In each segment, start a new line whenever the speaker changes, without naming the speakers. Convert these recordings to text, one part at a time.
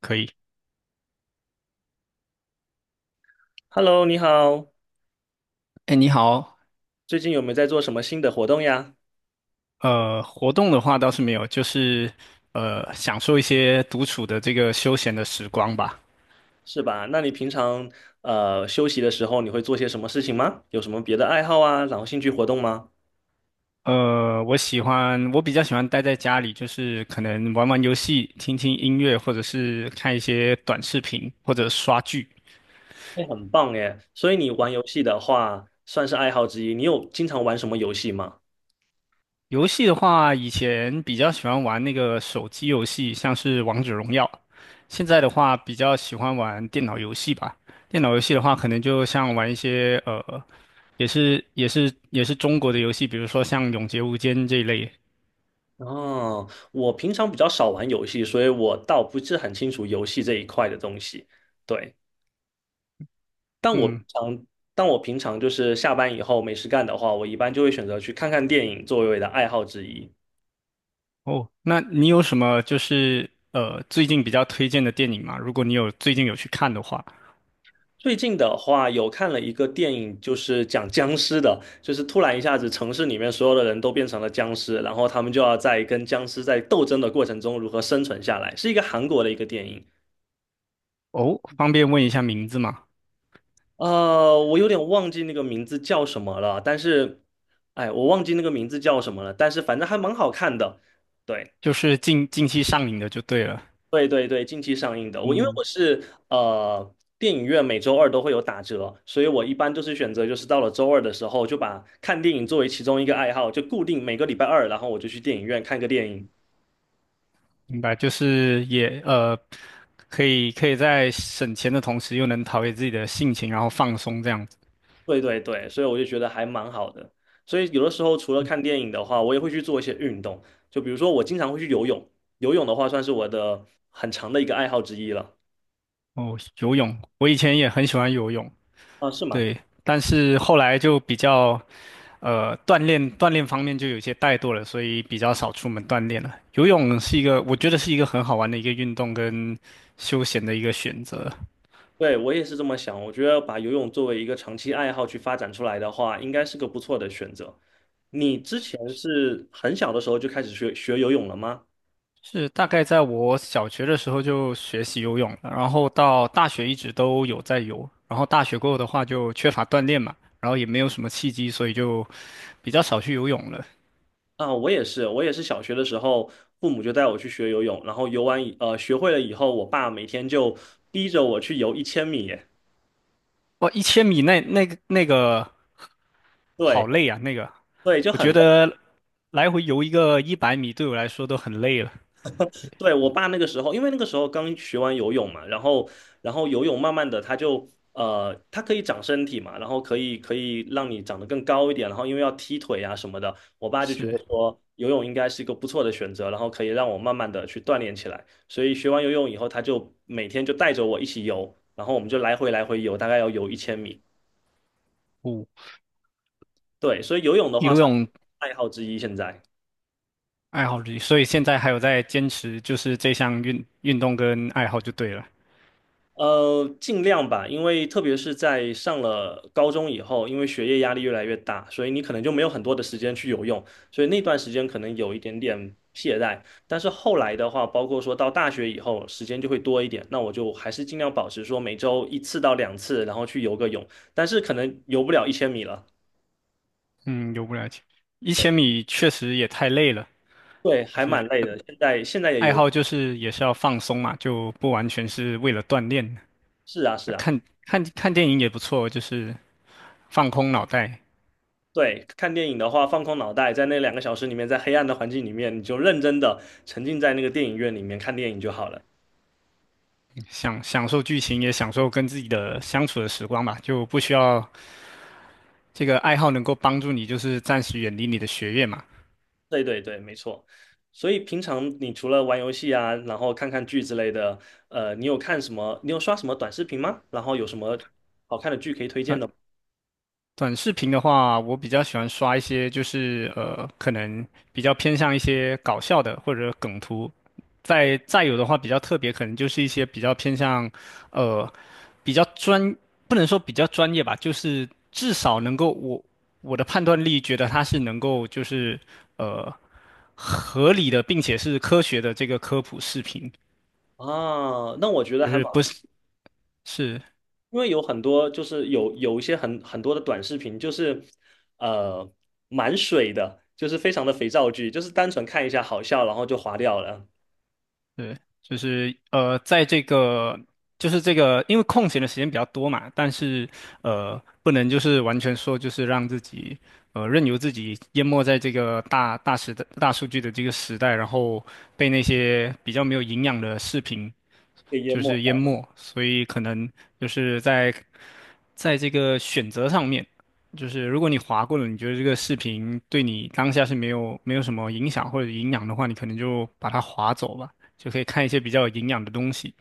可以。
Hello，你好，
哎，你好。
最近有没有在做什么新的活动呀？
活动的话倒是没有，就是享受一些独处的这个休闲的时光吧。
是吧？那你平常休息的时候，你会做些什么事情吗？有什么别的爱好啊，然后兴趣活动吗？
我比较喜欢待在家里，就是可能玩玩游戏、听听音乐，或者是看一些短视频，或者刷剧。
哎，很棒耶！所以你玩游戏的话，算是爱好之一。你有经常玩什么游戏吗？
游戏的话，以前比较喜欢玩那个手机游戏，像是《王者荣耀》。现在的话，比较喜欢玩电脑游戏吧。电脑游戏的话，可能就像玩一些也是中国的游戏，比如说像《永劫无间》这一类。
哦，我平常比较少玩游戏，所以我倒不是很清楚游戏这一块的东西。对，
嗯。
但我平常就是下班以后没事干的话，我一般就会选择去看看电影作为我的爱好之一。
哦，那你有什么最近比较推荐的电影吗？如果你有最近有去看的话，
最近的话，有看了一个电影，就是讲僵尸的，就是突然一下子城市里面所有的人都变成了僵尸，然后他们就要在跟僵尸在斗争的过程中如何生存下来，是一个韩国的一个电影。
哦，方便问一下名字吗？
我有点忘记那个名字叫什么了，但是，哎，我忘记那个名字叫什么了，但是反正还蛮好看的。对。
就是近期上映的就对了。
对对对，近期上映的。我因为
嗯，
我是电影院每周二都会有打折，所以我一般都是选择就是到了周二的时候就把看电影作为其中一个爱好，就固定每个礼拜二，然后我就去电影院看个电影。
明白，就是也呃，可以在省钱的同时，又能陶冶自己的性情，然后放松这样子。
对对对，所以我就觉得还蛮好的。所以有的时候除了看电影的话，我也会去做一些运动，就比如说我经常会去游泳，游泳的话算是我的很长的一个爱好之一了。
哦，游泳，我以前也很喜欢游泳。
啊，是吗？
对，但是后来就比较锻炼方面就有些怠惰了，所以比较少出门锻炼了。游泳是一个，我觉得是一个很好玩的一个运动跟休闲的一个选择。
对，我也是这么想。我觉得把游泳作为一个长期爱好去发展出来的话，应该是个不错的选择。你之前是很小的时候就开始学游泳了吗？
是大概在我小学的时候就学习游泳了，然后到大学一直都有在游，然后大学过后的话就缺乏锻炼嘛，然后也没有什么契机，所以就比较少去游泳了。
啊，我也是，我也是小学的时候，父母就带我去学游泳，然后游完学会了以后，我爸每天就逼着我去游一千米耶。
哇，一千米，那个
对。
好累啊，那个
对，就
我
很
觉
累。
得来回游一个100米对我来说都很累了。
对，我爸那个时候，因为那个时候刚学完游泳嘛，然后游泳慢慢的他就它可以长身体嘛，然后可以让你长得更高一点，然后因为要踢腿啊什么的，我爸就觉得
是，
说游泳应该是一个不错的选择，然后可以让我慢慢的去锻炼起来，所以学完游泳以后，他就每天就带着我一起游，然后我们就来回来回游，大概要游一千米。
五
对，所以游泳的话
游
算
泳，
爱好之一现在。
爱好之一，所以现在还有在坚持，就是这项运动跟爱好就对了。
尽量吧，因为特别是在上了高中以后，因为学业压力越来越大，所以你可能就没有很多的时间去游泳，所以那段时间可能有一点点懈怠。但是后来的话，包括说到大学以后，时间就会多一点，那我就还是尽量保持说每周一次到两次，然后去游个泳，但是可能游不了一千米了。
嗯，游不了解，一
对，
千米确实也太累了。
对，还
是。
蛮累的，现在也
爱
游。
好就是也是要放松嘛，就不完全是为了锻炼。
是啊，是啊，
看看看电影也不错，就是放空脑袋，
对，看电影的话，放空脑袋，在那两个小时里面，在黑暗的环境里面，你就认真的沉浸在那个电影院里面看电影就好了。
享受剧情，也享受跟自己的相处的时光吧。就不需要，这个爱好能够帮助你，就是暂时远离你的学业嘛。
对对对，没错。所以平常你除了玩游戏啊，然后看看剧之类的，你有看什么？你有刷什么短视频吗？然后有什么好看的剧可以推荐的吗？
但短视频的话，我比较喜欢刷一些，可能比较偏向一些搞笑的或者梗图。再有的话，比较特别，可能就是一些比较偏向，呃，比较专，不能说比较专业吧，就是至少能够我的判断力觉得它是能够呃合理的，并且是科学的这个科普视频，
啊，那我觉得
就
还
是
蛮，
不是是
因为有很多就是有一些很多的短视频，就是呃蛮水的，就是非常的肥皂剧，就是单纯看一下好笑，然后就划掉了，
对。在这个就是这个，因为空闲的时间比较多嘛，但是不能就是完全说就是让自己任由自己淹没在这个大时代大数据的这个时代，然后被那些比较没有营养的视频
被淹
就
没。
是淹没，所以可能就是在。在这个选择上面，就是如果你划过了，你觉得这个视频对你当下是没有什么影响或者营养的话，你可能就把它划走吧，就可以看一些比较有营养的东西。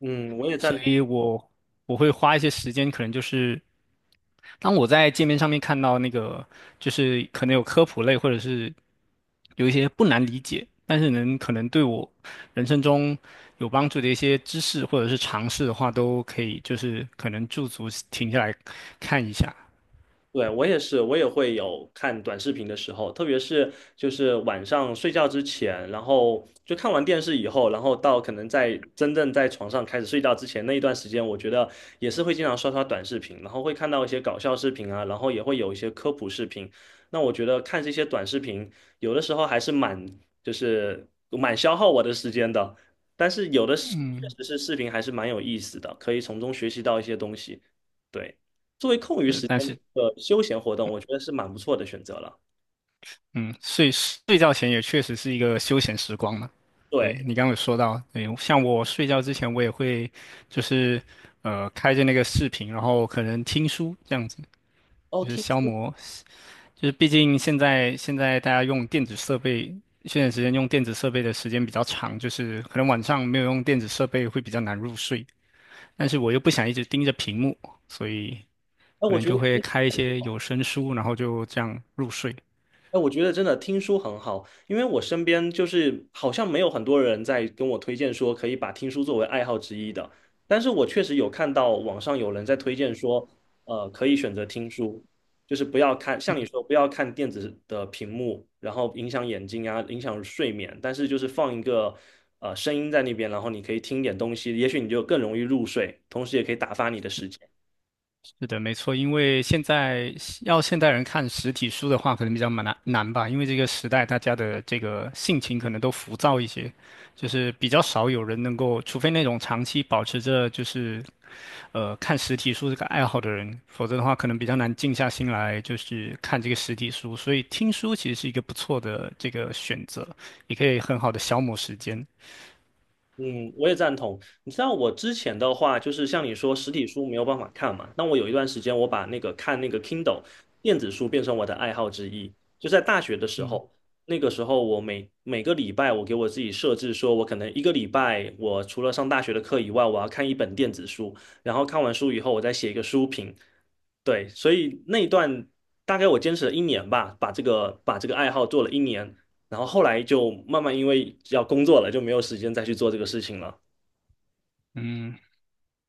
嗯，我也
所
赞同。
以我会花一些时间，可能就是当我在界面上面看到那个，就是可能有科普类，或者是有一些不难理解，但是可能对我人生中有帮助的一些知识或者是尝试的话，都可以就是可能驻足停下来看一下。
对，我也是，我也会有看短视频的时候，特别是就是晚上睡觉之前，然后就看完电视以后，然后到可能在真正在床上开始睡觉之前那一段时间，我觉得也是会经常刷刷短视频，然后会看到一些搞笑视频啊，然后也会有一些科普视频。那我觉得看这些短视频，有的时候还是蛮就是蛮消耗我的时间的，但是有的是确
嗯，
实是视频还是蛮有意思的，可以从中学习到一些东西。对。作为空余时间
但
的一
是
个休闲活动，我觉得是蛮不错的选择了。
嗯，睡觉前也确实是一个休闲时光嘛。对，
对，
你刚刚有说到，对，像我睡觉之前，我也会就是开着那个视频，然后可能听书这样子，
哦，
就是
听
消
说，
磨，就是毕竟现在大家用电子设备，现在时间用电子设备的时间比较长，就是可能晚上没有用电子设备会比较难入睡，但是我又不想一直盯着屏幕，所以
哎，
可
我
能
觉得
就会
听
开一些有声书，然后就这样入睡。
哎，我觉得真的听书很好，因为我身边就是好像没有很多人在跟我推荐说可以把听书作为爱好之一的，但是我确实有看到网上有人在推荐说，可以选择听书，就是不要看，像你说不要看电子的屏幕，然后影响眼睛啊，影响睡眠，但是就是放一个声音在那边，然后你可以听点东西，也许你就更容易入睡，同时也可以打发你的时间。
是的，没错，因为现在要现代人看实体书的话，可能比较蛮难吧，因为这个时代大家的这个性情可能都浮躁一些，就是比较少有人能够，除非那种长期保持着就是看实体书这个爱好的人，否则的话可能比较难静下心来就是看这个实体书，所以听书其实是一个不错的这个选择，也可以很好的消磨时间。
嗯，我也赞同。你知道我之前的话，就是像你说实体书没有办法看嘛，那我有一段时间我把那个看那个 Kindle 电子书变成我的爱好之一。就在大学的时
嗯
候，那个时候我每个礼拜我给我自己设置说，我可能一个礼拜我除了上大学的课以外，我要看一本电子书，然后看完书以后我再写一个书评。对，所以那一段大概我坚持了一年吧，把这个把这个爱好做了一年。然后后来就慢慢因为要工作了，就没有时间再去做这个事情了。
嗯，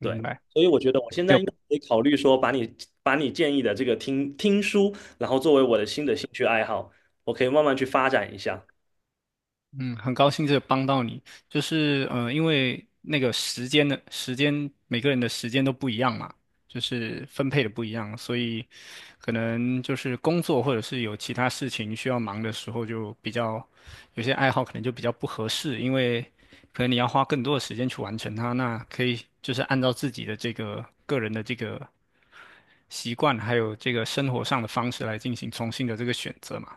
对，
白。
所以我觉得我现在应该可以考虑说，把你建议的这个听书，然后作为我的新的兴趣爱好，我可以慢慢去发展一下。
嗯，很高兴这帮到你，因为时间，每个人的时间都不一样嘛，就是分配的不一样，所以可能就是工作或者是有其他事情需要忙的时候，就比较有些爱好可能就比较不合适，因为可能你要花更多的时间去完成它，那可以就是按照自己的这个个人的这个习惯，还有这个生活上的方式来进行重新的这个选择嘛。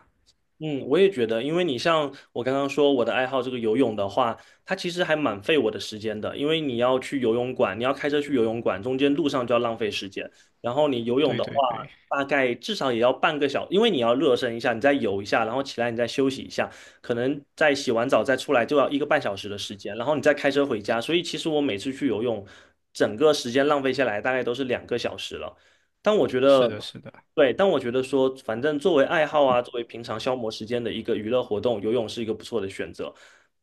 嗯，我也觉得，因为你像我刚刚说我的爱好这个游泳的话，它其实还蛮费我的时间的，因为你要去游泳馆，你要开车去游泳馆，中间路上就要浪费时间。然后你游泳
对
的话，
对对。
大概至少也要半个小因为你要热身一下，你再游一下，然后起来你再休息一下，可能再洗完澡再出来就要一个半小时的时间，然后你再开车回家。所以其实我每次去游泳，整个时间浪费下来大概都是两个小时了。但我觉得。
是的，是的，
对，但我觉得说，反正作为爱好啊，作为平常消磨时间的一个娱乐活动，游泳是一个不错的选择。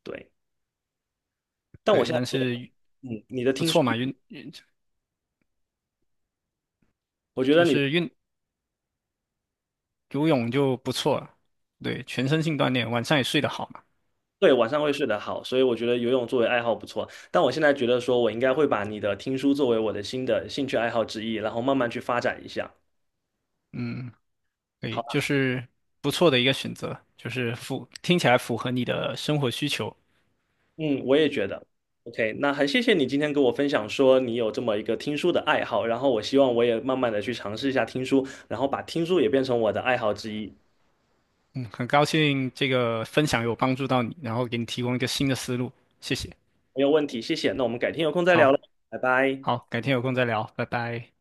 对，但我
对，
现在
但
觉得，
是
嗯，你的
不
听说，
错嘛，
我觉
就
得你
是运游泳就不错，对，全身性锻炼，晚上也睡得好嘛。
对晚上会睡得好，所以我觉得游泳作为爱好不错。但我现在觉得说，我应该会把你的听书作为我的新的兴趣爱好之一，然后慢慢去发展一下。
嗯，对，
好吧，
就是不错的一个选择，就是听起来符合你的生活需求。
嗯，我也觉得。OK，那很谢谢你今天跟我分享说你有这么一个听书的爱好，然后我希望我也慢慢的去尝试一下听书，然后把听书也变成我的爱好之一。
嗯，很高兴这个分享有帮助到你，然后给你提供一个新的思路，谢谢。
没有问题，谢谢。那我们改天有空再
好。
聊了，拜拜。
好，改天有空再聊，拜拜。